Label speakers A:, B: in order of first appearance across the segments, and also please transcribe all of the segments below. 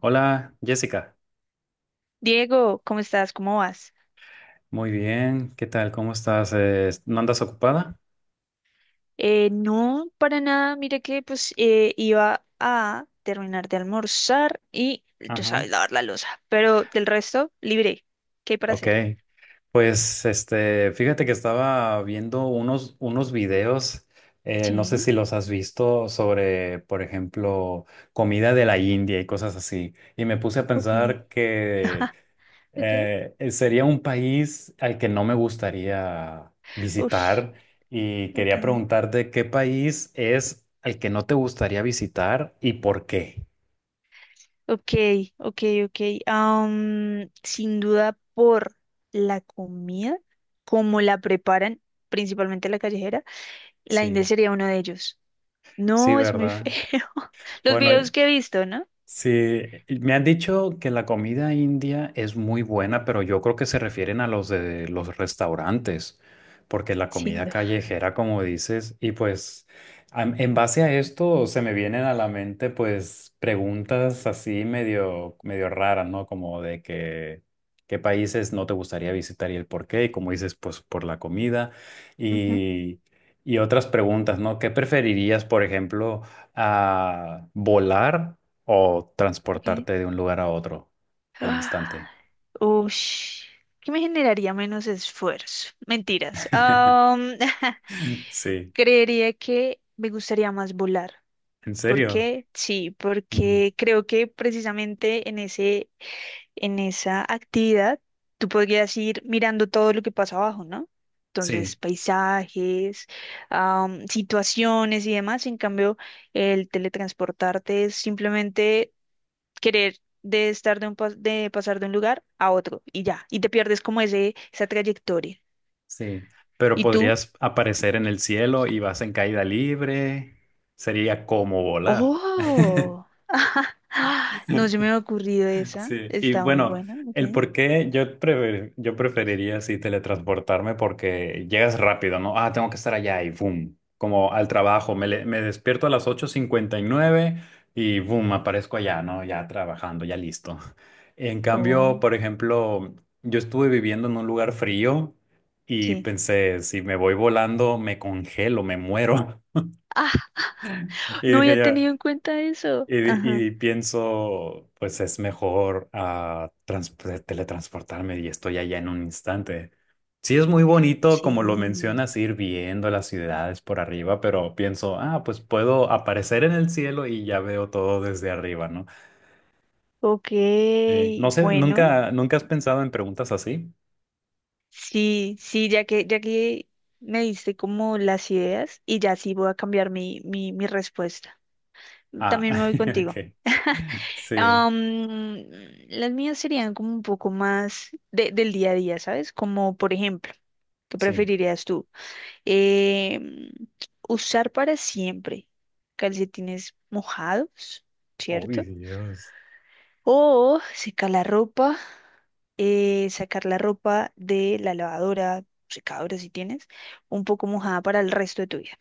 A: Hola, Jessica.
B: Diego, ¿cómo estás? ¿Cómo vas?
A: Muy bien, ¿qué tal? ¿Cómo estás? ¿No andas ocupada?
B: No, para nada. Mira que pues iba a terminar de almorzar y tú
A: Ajá.
B: sabes lavar la losa, pero del resto libre. ¿Qué hay para
A: Ok,
B: hacer?
A: pues fíjate que estaba viendo unos videos, no sé
B: Sí,
A: si los has visto, sobre, por ejemplo, comida de la India y cosas así. Y me puse a
B: ok.
A: pensar que
B: Ajá. Okay.
A: sería un país al que no me gustaría
B: Ush,
A: visitar, y
B: ok.
A: quería preguntarte qué país es al que no te gustaría visitar y por qué.
B: Ok, ok, ok. Sin duda por la comida, como la preparan, principalmente la callejera, la India
A: Sí,
B: sería uno de ellos.
A: sí,
B: No, es muy feo.
A: ¿verdad?
B: Los videos
A: Bueno,
B: que he visto, ¿no?
A: sí, me han dicho que la comida india es muy buena, pero yo creo que se refieren a los de los restaurantes, porque la comida
B: Siendo.
A: callejera, como dices, y pues en base a esto se me vienen a la mente pues preguntas así medio, medio raras, ¿no? Como de que qué países no te gustaría visitar y el por qué, y como dices, pues por la comida
B: Ujú.
A: y, y otras preguntas, ¿no? ¿Qué preferirías, por ejemplo, a volar o
B: Ok.
A: transportarte de un lugar a otro al
B: Ah,
A: instante?
B: ush. ¿Qué me generaría menos esfuerzo? Mentiras.
A: Sí,
B: Creería que me gustaría más volar.
A: ¿en
B: ¿Por
A: serio?
B: qué? Sí,
A: Ujú.
B: porque creo que precisamente en en esa actividad tú podrías ir mirando todo lo que pasa abajo, ¿no? Entonces,
A: Sí,
B: paisajes, situaciones y demás. En cambio, el teletransportarte es simplemente querer de estar de, un de pasar de un lugar a otro y ya, y te pierdes como esa trayectoria.
A: sí. Pero
B: ¿Y tú?
A: podrías aparecer en el cielo y vas en caída libre. Sería como volar.
B: Oh, no se me ha ocurrido esa,
A: Sí, y
B: está muy
A: bueno,
B: buena, ok.
A: el por qué yo, yo preferiría así teletransportarme porque llegas rápido, ¿no? Ah, tengo que estar allá y boom, como al trabajo, me despierto a las 8:59 y boom, aparezco allá, ¿no? Ya trabajando, ya listo. En cambio,
B: Oh,
A: por ejemplo, yo estuve viviendo en un lugar frío y
B: sí.
A: pensé, si me voy volando, me congelo, me muero. Y
B: No
A: dije
B: había
A: ya,
B: tenido en cuenta eso. Ajá.
A: y pienso, pues es mejor teletransportarme y estoy allá en un instante. Sí es muy bonito, como lo
B: Sí.
A: mencionas, ir viendo las ciudades por arriba, pero pienso, ah, pues puedo aparecer en el cielo y ya veo todo desde arriba, ¿no?
B: Ok,
A: Sí. No sé,
B: bueno,
A: ¿nunca, nunca has pensado en preguntas así?
B: sí, sí, ya que me diste como las ideas y ya sí voy a cambiar mi respuesta.
A: Ah,
B: También me voy contigo.
A: ok. Sí,
B: Am, las mías serían como un poco más del día a día, ¿sabes? Como por ejemplo, ¿qué
A: sí.
B: preferirías tú? Em, usar para siempre calcetines mojados,
A: Uy,
B: ¿cierto?
A: Dios.
B: O secar la ropa, sacar la ropa de la lavadora, secadora si tienes, un poco mojada para el resto de tu vida.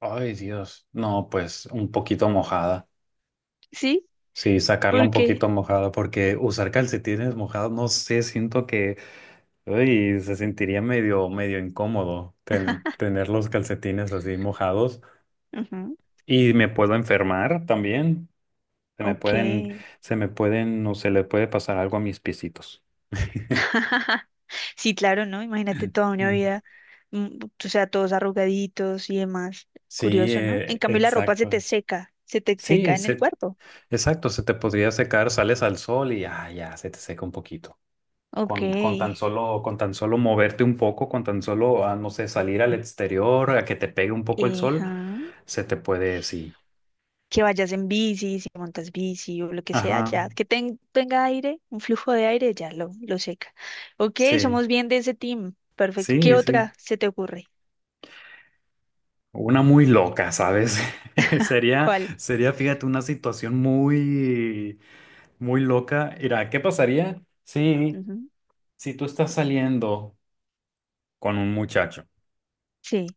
A: Ay, Dios. No, pues un poquito mojada.
B: ¿Sí?
A: Sí, sacarla un
B: ¿Por qué?
A: poquito mojada porque usar calcetines mojados, no sé, siento que, uy, se sentiría medio, medio incómodo tener los calcetines así mojados
B: Ujú,
A: y me puedo enfermar también. Se me
B: ok.
A: pueden, se me pueden, o se le puede pasar algo a mis piecitos.
B: Sí, claro, ¿no? Imagínate toda una
A: Mm.
B: vida, mm, o sea, todos arrugaditos y demás.
A: Sí,
B: Curioso, ¿no? En cambio, la ropa
A: exacto.
B: se te seca
A: Sí,
B: en el
A: se.
B: cuerpo.
A: Exacto, se te podría secar, sales al sol y ya, ya, se te seca un poquito.
B: Ok,
A: Con tan solo, con tan solo moverte un poco, con tan solo, ah, no sé, salir al exterior, a que te pegue un poco el
B: ajá.
A: sol, se te puede, sí.
B: Que vayas en bici, si montas bici o lo que sea,
A: Ajá,
B: ya. Que tenga aire, un flujo de aire, ya lo seca. Ok,
A: sí,
B: somos bien de ese team. Perfecto. ¿Qué
A: sí, sí.
B: otra se te ocurre?
A: Una muy loca, ¿sabes? Sería,
B: ¿Cuál?
A: sería, fíjate, una situación muy, muy loca. Mira, ¿qué pasaría si,
B: Ujú.
A: si tú estás saliendo con un muchacho
B: Sí,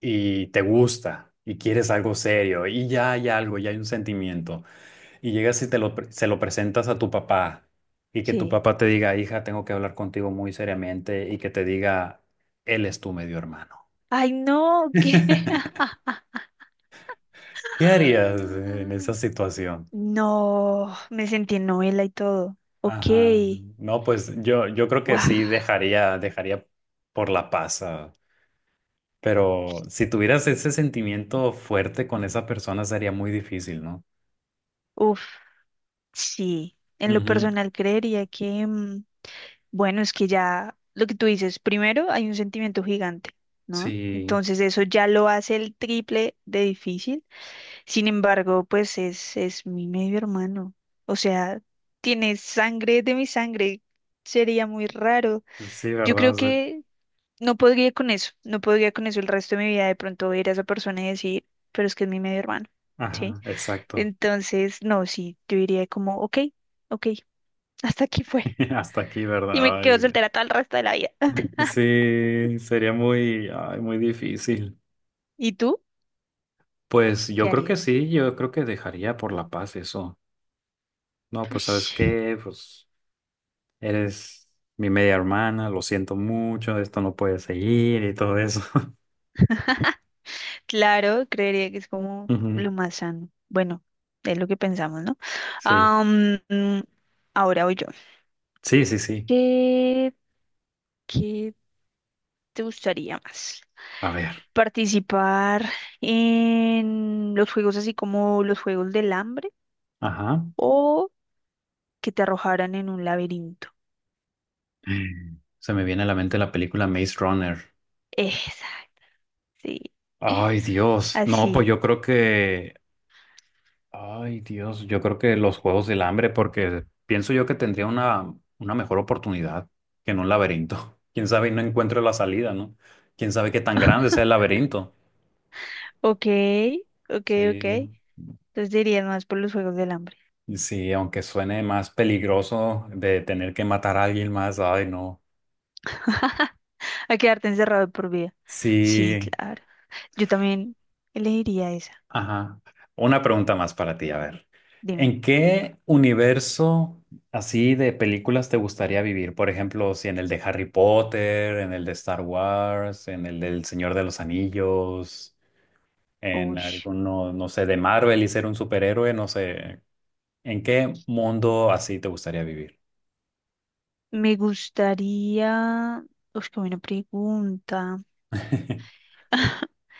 A: y te gusta y quieres algo serio y ya hay algo, ya hay un sentimiento, y llegas y se lo presentas a tu papá, y que tu
B: sí.
A: papá te diga, hija, tengo que hablar contigo muy seriamente, y que te diga, él es tu medio hermano?
B: Ay, no, ¿qué?
A: ¿Qué harías en esa situación?
B: No, me sentí en novela y todo. Ok,
A: Ajá. No, pues yo creo que
B: guau,
A: sí dejaría, dejaría por la paz, ah, pero si tuvieras ese sentimiento fuerte con esa persona sería muy difícil, ¿no?
B: uf, sí. En lo
A: Ujú.
B: personal creería que, mm, bueno, es que ya lo que tú dices, primero hay un sentimiento gigante, ¿no?
A: Sí.
B: Entonces eso ya lo hace el triple de difícil. Sin embargo, pues es mi medio hermano. O sea, tiene sangre de mi sangre. Sería muy raro.
A: Sí,
B: Yo
A: ¿verdad?
B: creo
A: Sí.
B: que no podría con eso, no podría con eso el resto de mi vida de pronto ver a esa persona y decir, pero es que es mi medio hermano, ¿sí?
A: Ajá, exacto.
B: Entonces, no, sí, yo diría como, ok, ok, hasta aquí fue.
A: Hasta aquí,
B: Y me
A: ¿verdad?
B: quedo
A: Ay,
B: soltera todo el resto de la vida.
A: sí, sería muy, ay, muy difícil.
B: ¿Y tú?
A: Pues yo
B: ¿Qué
A: creo que
B: harías?
A: sí, yo creo que dejaría por la paz eso. No, pues ¿sabes
B: Ush,
A: qué? Pues eres mi media hermana, lo siento mucho, esto no puede seguir y todo eso.
B: claro, creería que es como
A: Ujú,
B: lo más sano. Bueno, es lo que pensamos, ¿no?
A: sí,
B: Am, mm, ahora voy yo.
A: sí, sí, sí.
B: ¿Qué, qué te gustaría más?
A: A ver,
B: Participar en los juegos así como los juegos del hambre
A: ajá.
B: o que te arrojaran en un laberinto.
A: Mm. Se me viene a la mente la película Maze Runner.
B: Exacto, sí.
A: Ay, Dios. No, pues
B: Así.
A: yo creo que, ay, Dios, yo creo que los Juegos del Hambre, porque pienso yo que tendría una mejor oportunidad que en un laberinto. Quién sabe y no encuentro la salida, ¿no? Quién sabe qué tan grande sea el laberinto.
B: Ok, ok, ok.
A: Sí,
B: Entonces dirías más por los juegos del hambre.
A: sí, aunque suene más peligroso de tener que matar a alguien más, ay, no.
B: A quedarte encerrado de por vida. Sí,
A: Sí,
B: claro. Yo también elegiría esa.
A: ajá. Una pregunta más para ti, a ver.
B: Dime.
A: ¿En qué universo así de películas te gustaría vivir? Por ejemplo, si en el de Harry Potter, en el de Star Wars, en el del Señor de los Anillos, en
B: Uy.
A: alguno, no sé, de Marvel y ser un superhéroe, no sé. ¿En qué mundo así te gustaría vivir?
B: Me gustaría. Uy, qué buena pregunta.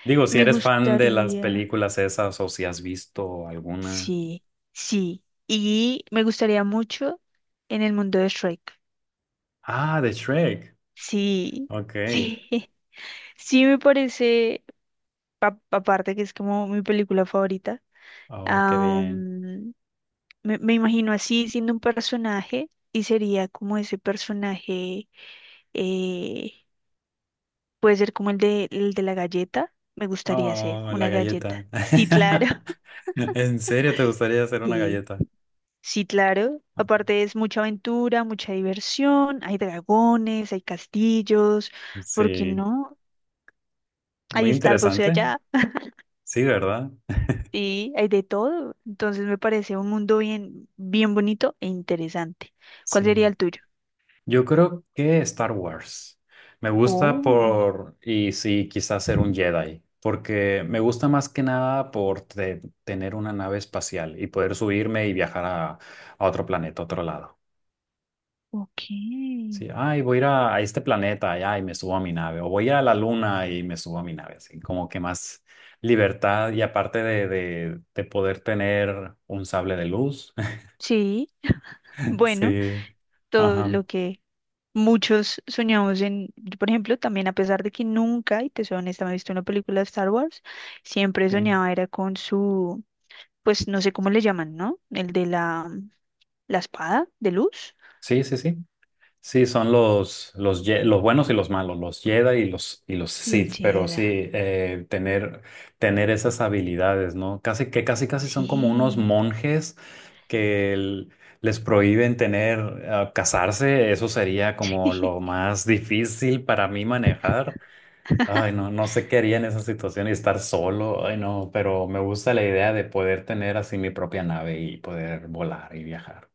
A: Digo, si
B: Me
A: eres fan de las
B: gustaría.
A: películas esas o si has visto alguna.
B: Sí, sí. Y me gustaría mucho en el mundo de Shrek.
A: Ah, de Shrek.
B: Sí,
A: Ok.
B: sí. Sí, me parece, aparte que es como mi película favorita,
A: Oh, qué bien.
B: am, me imagino así siendo un personaje y sería como ese personaje, eh, puede ser como el el de la galleta. Me gustaría ser
A: Oh, la
B: una
A: galleta.
B: galleta. Sí, claro.
A: ¿En serio te gustaría hacer una
B: Sí.
A: galleta?
B: Sí, claro. Aparte es mucha aventura, mucha diversión, hay dragones, hay castillos, ¿por qué
A: Sí,
B: no?
A: muy
B: Hay Starbucks
A: interesante.
B: allá
A: Sí, ¿verdad?
B: y hay de todo. Entonces me parece un mundo bien, bien bonito e interesante. ¿Cuál
A: Sí.
B: sería el tuyo?
A: Yo creo que Star Wars. Me gusta
B: Oh,
A: por, y sí, quizás ser un Jedi, porque me gusta más que nada por tener una nave espacial y poder subirme y viajar a otro planeta, a otro lado.
B: ok.
A: Sí, ay, voy a ir a este planeta allá y me subo a mi nave, o voy a ir a la luna y me subo a mi nave, así como que más libertad y aparte de poder tener un sable de luz.
B: Sí, bueno,
A: Sí,
B: todo
A: ajá.
B: lo que muchos soñamos en, yo, por ejemplo, también a pesar de que nunca, y te soy honesta, me he visto una película de Star Wars, siempre
A: Sí,
B: soñaba era con su pues no sé cómo le llaman, ¿no? El de la espada de luz.
A: sí, sí. Sí. Sí, son los buenos y los malos, los Jedi y y los
B: Los
A: Sith, pero
B: Jedi.
A: sí, tener, tener esas habilidades, ¿no? Casi que casi casi son como unos
B: Sí.
A: monjes que el- les prohíben tener, ah, casarse. Eso sería como lo más difícil para mí manejar. Ay, no, no sé qué haría en esa situación y estar solo, ay, no, pero me gusta la idea de poder tener así mi propia nave y poder volar y viajar.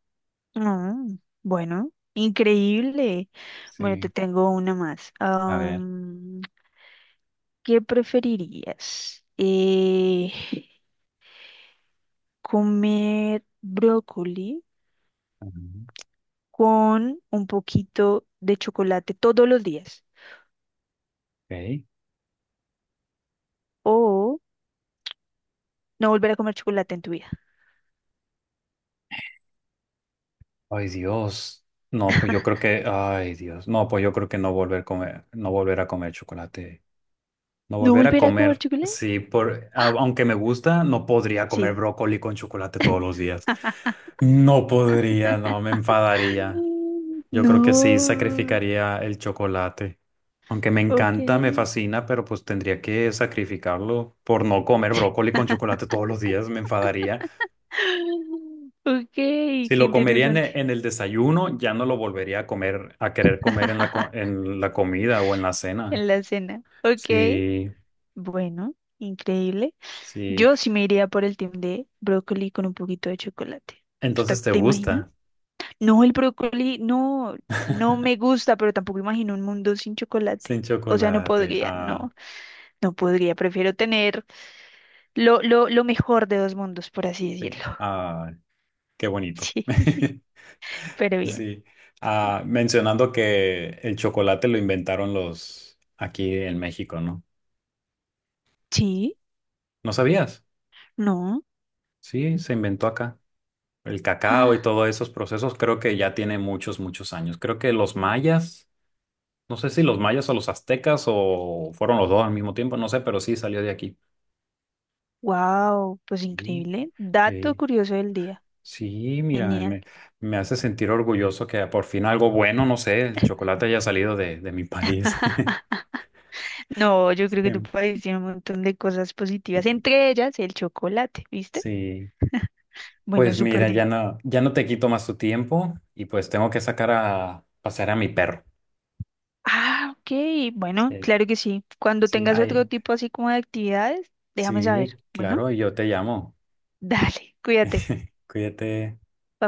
B: No, bueno, increíble. Bueno, te
A: Sí,
B: tengo una más.
A: a ver.
B: ¿Qué preferirías? Comer brócoli
A: Ujú.
B: con un poquito de chocolate todos los días
A: Ok.
B: o no volver a comer chocolate en tu vida.
A: Ay, Dios. No, pues yo creo que, ay, Dios. No, pues yo creo que no volver a comer, no volver a comer chocolate. No
B: ¿No
A: volver a
B: volver a comer
A: comer,
B: chocolate?
A: sí, por, aunque me gusta, no podría comer
B: Sí.
A: brócoli con chocolate todos los días. No podría, no, me enfadaría. Yo creo que sí,
B: No,
A: sacrificaría el chocolate. Aunque me
B: ok.
A: encanta, me fascina, pero pues tendría que sacrificarlo por no comer brócoli con chocolate todos los días, me enfadaría.
B: Ok, qué
A: Si lo comería en en
B: interesante.
A: el desayuno, ya no lo volvería a comer, a querer comer en en la comida o en la
B: En
A: cena.
B: la cena. Ok,
A: Sí,
B: bueno, increíble.
A: sí.
B: Yo sí me iría por el team de brócoli con un poquito de chocolate. ¿Tú te,
A: Entonces te
B: te imaginas?
A: gusta.
B: No, el brócoli, no, no me gusta, pero tampoco imagino un mundo sin
A: Sin
B: chocolate. O sea, no
A: chocolate.
B: podría,
A: Ah,
B: no, no podría. Prefiero tener lo mejor de dos mundos, por así
A: sí.
B: decirlo.
A: Ah, qué bonito.
B: Sí, pero bien.
A: Sí. Ah, mencionando que el chocolate lo inventaron los aquí en México, ¿no?
B: Sí,
A: ¿No sabías?
B: no.
A: Sí, se inventó acá. El cacao y todos esos procesos creo que ya tiene muchos, muchos años. Creo que los mayas. No sé si los mayas o los aztecas o fueron los dos al mismo tiempo, no sé, pero sí salió de aquí.
B: Wow, pues
A: Sí,
B: increíble. Dato
A: eh,
B: curioso del día.
A: sí, mira,
B: Genial.
A: me hace sentir orgulloso que por fin algo bueno, no sé, el chocolate haya salido de mi país.
B: No, yo creo que tu
A: Sí,
B: país tiene un montón de cosas positivas,
A: sí.
B: entre ellas el chocolate, ¿viste?
A: Sí.
B: Bueno,
A: Pues
B: súper
A: mira, ya
B: digo.
A: no, ya no te quito más tu tiempo y pues tengo que sacar a pasear a mi perro.
B: Ah, ok. Bueno,
A: Sí,
B: claro que sí. Cuando
A: sí,
B: tengas otro
A: ay,
B: tipo así como de actividades, déjame
A: sí,
B: saber. Bueno,
A: claro, y yo te llamo.
B: dale, cuídate.
A: Cuídate.